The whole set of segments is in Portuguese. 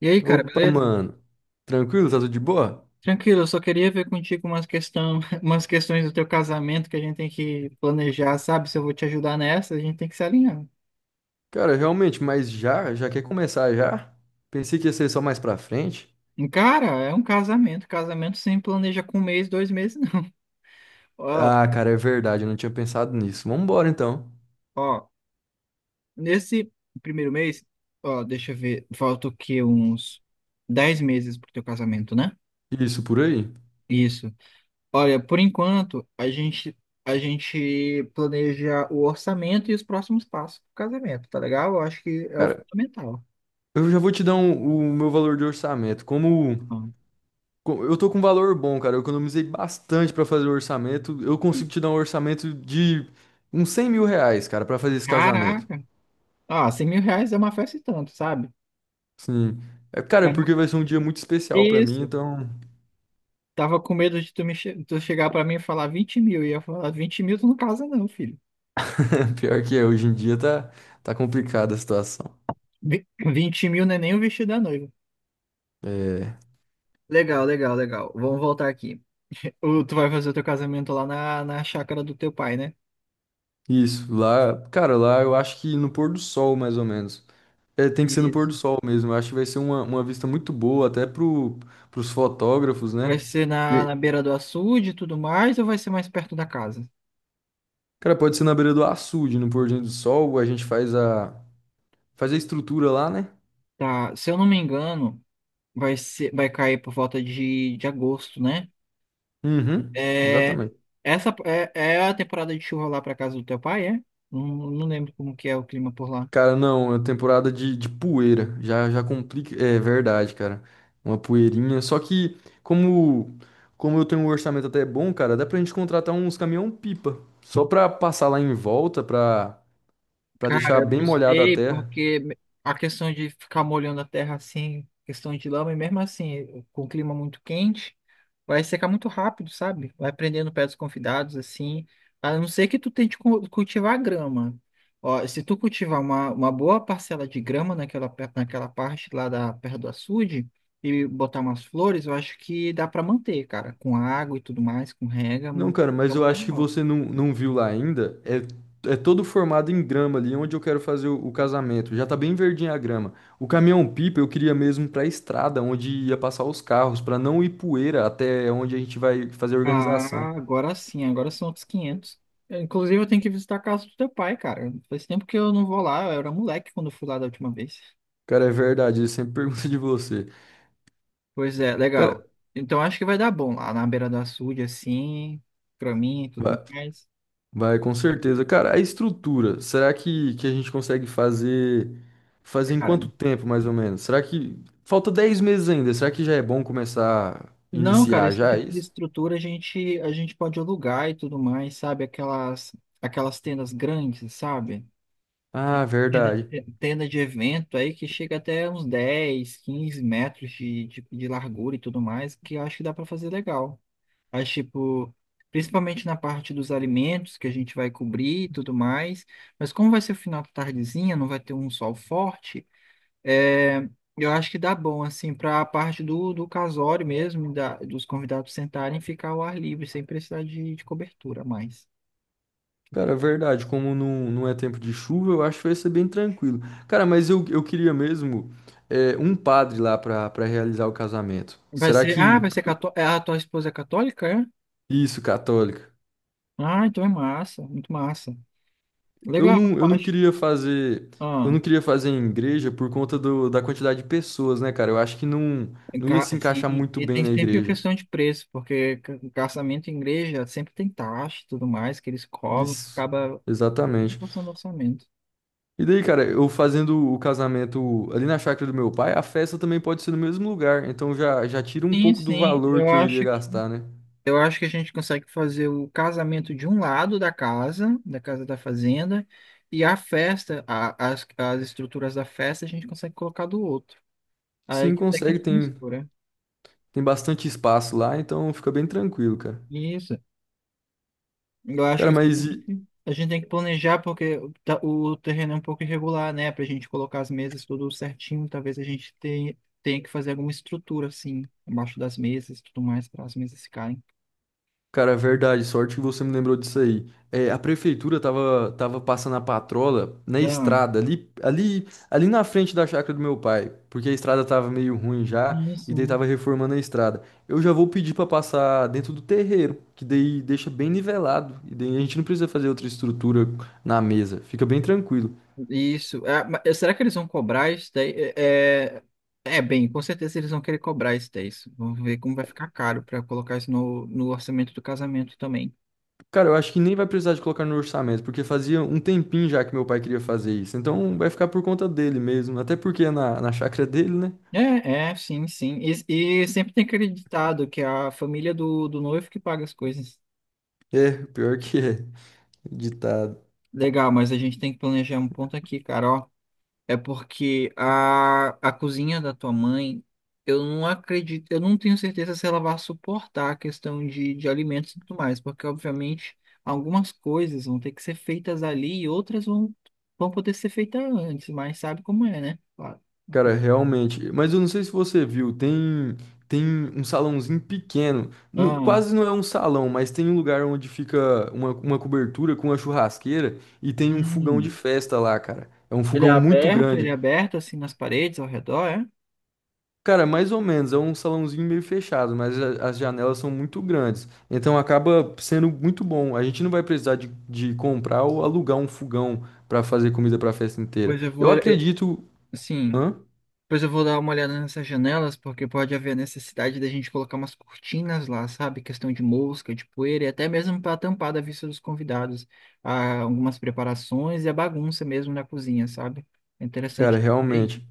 E aí, cara, Opa, beleza? mano. Tranquilo? Tá tudo de boa? Tranquilo, eu só queria ver contigo umas questão, umas questões do teu casamento que a gente tem que planejar, sabe? Se eu vou te ajudar nessa, a gente tem que se alinhar. Cara, realmente, mas já? Já quer começar já? Pensei que ia ser só mais pra frente. Cara, é um casamento. Casamento sem planeja com um mês, dois meses, não. Ó, Ah, cara, é verdade, eu não tinha pensado nisso. Vambora então. ó, nesse primeiro mês, ó, deixa eu ver, falta o quê? Uns 10 meses pro teu casamento, né? Isso por aí. Isso. Olha, por enquanto, a gente planeja o orçamento e os próximos passos do casamento, tá legal? Eu acho que é o Cara, fundamental. eu já vou te dar o meu valor de orçamento. Hum. Eu tô com um valor bom, cara, eu economizei bastante pra fazer o orçamento. Eu consigo te dar um orçamento de uns R$ 100 mil, cara, pra fazer esse casamento. Caraca! Ah, R$ 100.000 é uma festa e tanto, sabe? Sim. É, cara, é porque Tava- vai ser um dia muito especial pra mim, Isso. então. Tava com medo de tu chegar pra mim e falar 20 mil. E eu ia falar, 20 mil tu não casa não, filho. Pior que é, hoje em dia tá complicada a situação. 20 mil não é nem o vestido da noiva. É, Legal, legal, legal. Vamos voltar aqui. Tu vai fazer o teu casamento lá na chácara do teu pai, né? isso, lá, cara, lá eu acho que no pôr do sol, mais ou menos. É, tem que ser no pôr do Isso. sol mesmo. Eu acho que vai ser uma vista muito boa, até pros fotógrafos, Vai né? ser na, E, na beira do açude e tudo mais, ou vai ser mais perto da casa? cara, pode ser na beira do açude, no pôr do sol, a gente faz a estrutura lá, né? Tá, se eu não me engano, vai ser, vai cair por volta de agosto, né? Uhum, É, exatamente. essa é a temporada de chuva lá para casa do teu pai, é? Não, não lembro como que é o clima por lá. Cara, não, é temporada de poeira. Já complica. É verdade, cara. Uma poeirinha. Só que, como, como eu tenho um orçamento até bom, cara, dá pra gente contratar uns caminhão-pipa. Só pra passar lá em volta, pra Cara, deixar eu bem não molhada a sei, terra. porque a questão de ficar molhando a terra assim, questão de lama, e mesmo assim, com o clima muito quente, vai secar muito rápido, sabe? Vai prendendo o pé dos convidados, assim, a não ser que tu tente cultivar grama. Ó, se tu cultivar uma boa parcela de grama naquela parte lá da perto do açude e botar umas flores, eu acho que dá pra manter, cara, com água e tudo mais, com rega, Não, cara, é mas eu uma acho que legal. você não viu lá ainda. É, é todo formado em grama ali, onde eu quero fazer o casamento. Já tá bem verdinha a grama. O caminhão-pipa eu queria mesmo pra estrada, onde ia passar os carros, pra não ir poeira até onde a gente vai fazer a organização. Ah, agora sim, agora são outros quinhentos. Eu, inclusive, eu tenho que visitar a casa do teu pai, cara. Faz tempo que eu não vou lá, eu era moleque quando eu fui lá da última vez. Cara, é verdade, ele sempre pergunta de você. Pois é, Cara, legal. Então acho que vai dar bom lá na beira do açude, assim, pra mim e tudo vai, mais. vai, com certeza. Cara, a estrutura, será que a gente consegue fazer em Cara, quanto tempo, mais ou menos? Será que falta 10 meses ainda? Será que já é bom começar, não, cara, iniciar esse já é tipo de isso? estrutura a gente pode alugar e tudo mais, sabe? Aquelas tendas grandes, sabe? Ah, verdade. Tenda de evento aí que chega até uns 10, 15 metros de largura e tudo mais, que eu acho que dá para fazer legal. Mas, tipo, principalmente na parte dos alimentos que a gente vai cobrir e tudo mais. Mas como vai ser o final da tardezinha, não vai ter um sol forte, é, eu acho que dá bom, assim, para a parte do casório mesmo, dos convidados sentarem e ficar ao ar livre, sem precisar de cobertura a mais. Cara, verdade. Como não é tempo de chuva, eu acho que vai ser bem tranquilo. Cara, mas eu queria mesmo um padre lá pra para realizar o casamento. Vai Será ser, ah, que vai ser cató... ah, A tua esposa é católica, é? isso, católica? Ah, então é massa, muito massa. Eu Legal, não, eu eu não acho. queria fazer, eu Ah, não queria fazer em igreja por conta do, da quantidade de pessoas, né, cara? Eu acho que não ia se encaixar e, muito e bem tem na sempre a igreja. questão de preço, porque casamento em igreja sempre tem taxa e tudo mais que eles cobram, que Isso, acaba exatamente. passando orçamento. E daí, cara, eu fazendo o casamento ali na chácara do meu pai, a festa também pode ser no mesmo lugar. Então já tira um Sim, pouco do sim, valor eu que eu iria acho que gastar, né? eu acho que a gente consegue fazer o casamento de um lado da casa, da casa da fazenda, e a festa, as estruturas da festa a gente consegue colocar do outro. Aí Sim, até que consegue, não se tem, mistura. tem bastante espaço lá, então fica bem tranquilo, cara. Isso. Eu acho que Cara, mas e, a gente tem que planejar porque o terreno é um pouco irregular, né? Pra gente colocar as mesas tudo certinho, talvez a gente tenha que fazer alguma estrutura, assim, embaixo das mesas e tudo mais, para as mesas ficarem. cara, é verdade, sorte que você me lembrou disso aí. É, a prefeitura tava passando a patrola na Não, estrada, ali na frente da chácara do meu pai, porque a estrada tava meio ruim já, e daí isso. tava reformando a estrada. Eu já vou pedir pra passar dentro do terreiro, que daí deixa bem nivelado, e daí a gente não precisa fazer outra estrutura na mesa, fica bem tranquilo. Isso. É, será que eles vão cobrar isso daí? É, bem, com certeza eles vão querer cobrar isso daí. Isso. Vamos ver como vai ficar caro para colocar isso no orçamento do casamento também. Cara, eu acho que nem vai precisar de colocar no orçamento, porque fazia um tempinho já que meu pai queria fazer isso, então vai ficar por conta dele mesmo, até porque é na chácara dele, né? É, é, sim, sim. E sempre tem acreditado que é a família do noivo que paga as coisas. É, pior que é. Ditado. Legal, mas a gente tem que planejar um ponto aqui, cara, ó. É porque a cozinha da tua mãe, eu não acredito, eu não tenho certeza se ela vai suportar a questão de alimentos e tudo mais, porque obviamente algumas coisas vão ter que ser feitas ali e outras vão poder ser feitas antes, mas sabe como é, né? Claro. Cara, realmente. Mas eu não sei se você viu, tem um salãozinho pequeno. Ah, Quase não é um salão, mas tem um lugar onde fica uma cobertura com uma churrasqueira e tem um fogão hum. de festa lá, cara. É um fogão muito Ele grande. é aberto assim nas paredes ao redor, é? Cara, mais ou menos, é um salãozinho meio fechado, mas as janelas são muito grandes. Então acaba sendo muito bom. A gente não vai precisar de comprar ou alugar um fogão pra fazer comida pra festa inteira. Pois eu Eu vou, eu, acredito. sim, Hã? pois eu vou dar uma olhada nessas janelas, porque pode haver necessidade da gente colocar umas cortinas lá, sabe? Questão de mosca, de poeira, e até mesmo para tampar da vista dos convidados, algumas preparações e a bagunça mesmo na cozinha, sabe? É Cara, interessante. Ver isso. realmente,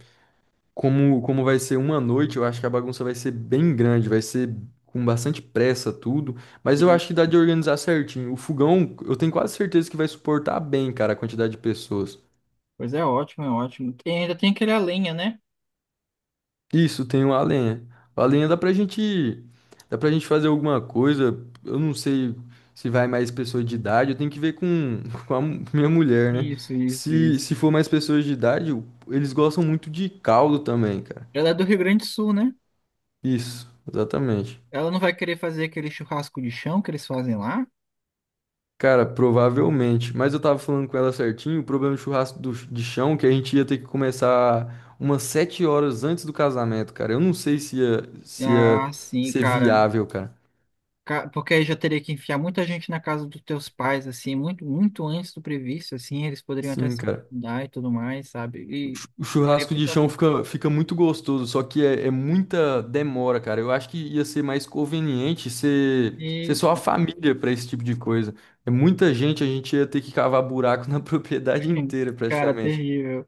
como vai ser uma noite, eu acho que a bagunça vai ser bem grande, vai ser com bastante pressa tudo, mas eu E, acho que dá de organizar certinho. O fogão, eu tenho quase certeza que vai suportar bem, cara, a quantidade de pessoas. pois é, ótimo, é ótimo. E ainda tem aquele a lenha, né? Isso, tem o a lenha. A lenha dá pra gente fazer alguma coisa, eu não sei se vai mais pessoas de idade, eu tenho que ver com, com a minha mulher, né? Isso, isso, Se, isso. se for mais pessoas de idade, eles gostam muito de caldo também, cara. Ela é do Rio Grande do Sul, né? Isso, exatamente. Ela não vai querer fazer aquele churrasco de chão que eles fazem lá? Cara, provavelmente. Mas eu tava falando com ela certinho, o problema do churrasco de chão, que a gente ia ter que começar umas 7 horas antes do casamento, cara. Eu não sei se ia Ah, sim, ser cara. viável, cara. Porque aí já teria que enfiar muita gente na casa dos teus pais, assim, muito, muito antes do previsto, assim, eles poderiam até Sim, se cara. mudar e tudo mais, sabe? O E chu- o seria churrasco muito de chão bacana. fica muito gostoso, só que é muita demora, cara. Eu acho que ia ser mais conveniente ser só a Isso, família pra esse tipo de coisa. É muita gente, a gente ia ter que cavar buraco na propriedade inteira, cara, praticamente. terrível.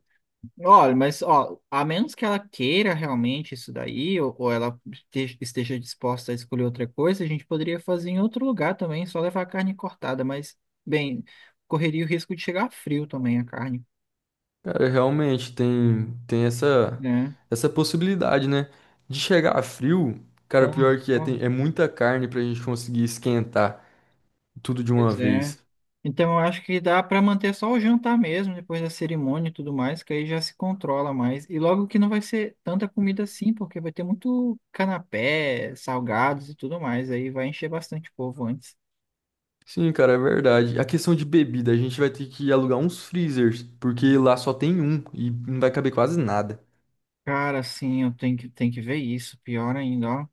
Olha, mas, ó, a menos que ela queira realmente isso daí, ou ela esteja disposta a escolher outra coisa, a gente poderia fazer em outro lugar também, só levar a carne cortada, mas, bem, correria o risco de chegar frio também a carne, Cara, realmente tem essa, né? essa possibilidade, né? De chegar frio, cara, Então, pior que é, ó. tem, é muita carne pra gente conseguir esquentar tudo de uma Pois é. vez. Então eu acho que dá para manter só o jantar mesmo, depois da cerimônia e tudo mais, que aí já se controla mais. E logo que não vai ser tanta comida assim, porque vai ter muito canapé, salgados e tudo mais, aí vai encher bastante o povo antes. Sim, cara, é verdade. A questão de bebida, a gente vai ter que alugar uns freezers, porque lá só tem um e não vai caber quase nada. Cara, sim, eu tenho que ver isso, pior ainda, ó.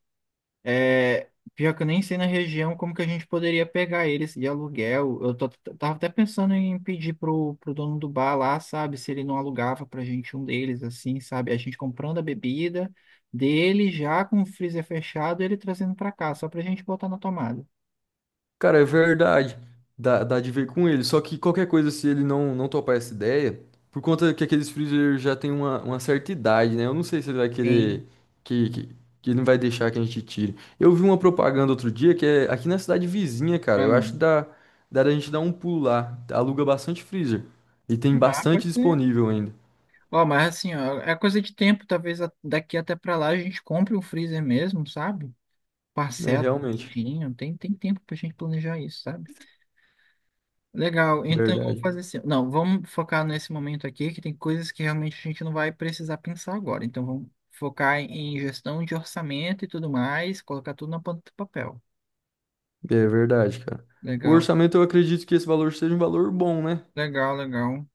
É, pior que eu nem sei na região como que a gente poderia pegar eles de aluguel. Tava até pensando em pedir pro dono do bar lá, sabe, se ele não alugava pra gente um deles, assim, sabe? A gente comprando a bebida dele já com o freezer fechado, ele trazendo pra cá, só pra gente botar na tomada. Cara, é verdade. Dá de ver com ele. Só que qualquer coisa, se ele não topar essa ideia, por conta que aqueles freezer já tem uma certa idade, né? Eu não sei se ele vai Sim. querer que, que, que ele não vai deixar que a gente tire. Eu vi uma propaganda outro dia que é aqui na cidade vizinha, cara. Ah, Eu acho que não. dá da gente dar um pulo lá. Aluga bastante freezer. E tem Ah, pode bastante ser. disponível ainda. Ó, mas assim, ó, é coisa de tempo, talvez daqui até pra lá a gente compre um freezer mesmo, sabe? É Parcela, realmente. direitinho, tem tempo pra gente planejar isso, sabe? Legal, então vamos Verdade. fazer assim. Não, vamos focar nesse momento aqui, que tem coisas que realmente a gente não vai precisar pensar agora. Então vamos focar em gestão de orçamento e tudo mais, colocar tudo na ponta do papel. É verdade, cara. O Legal, orçamento, eu acredito que esse valor seja um valor bom, né? legal, legal.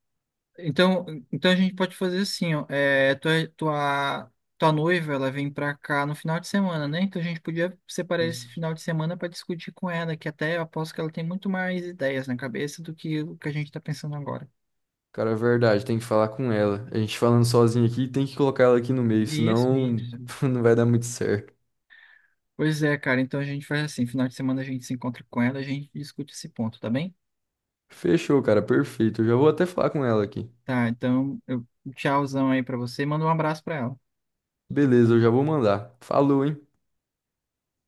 Então, então a gente pode fazer assim, ó, é, tua noiva, ela vem pra cá no final de semana, né? Então a gente podia separar esse Isso. final de semana para discutir com ela, que até eu aposto que ela tem muito mais ideias na cabeça do que o que a gente está pensando agora. Cara, é verdade, tem que falar com ela. A gente falando sozinho aqui, tem que colocar ela aqui no meio, Isso, senão isso. não vai dar muito certo. Pois é, cara. Então a gente faz assim, final de semana a gente se encontra com ela, a gente discute esse ponto, tá bem? Fechou, cara, perfeito. Eu já vou até falar com ela aqui. Tá, então eu um tchauzão aí pra você, manda um abraço pra ela. Beleza, eu já vou mandar. Falou, hein?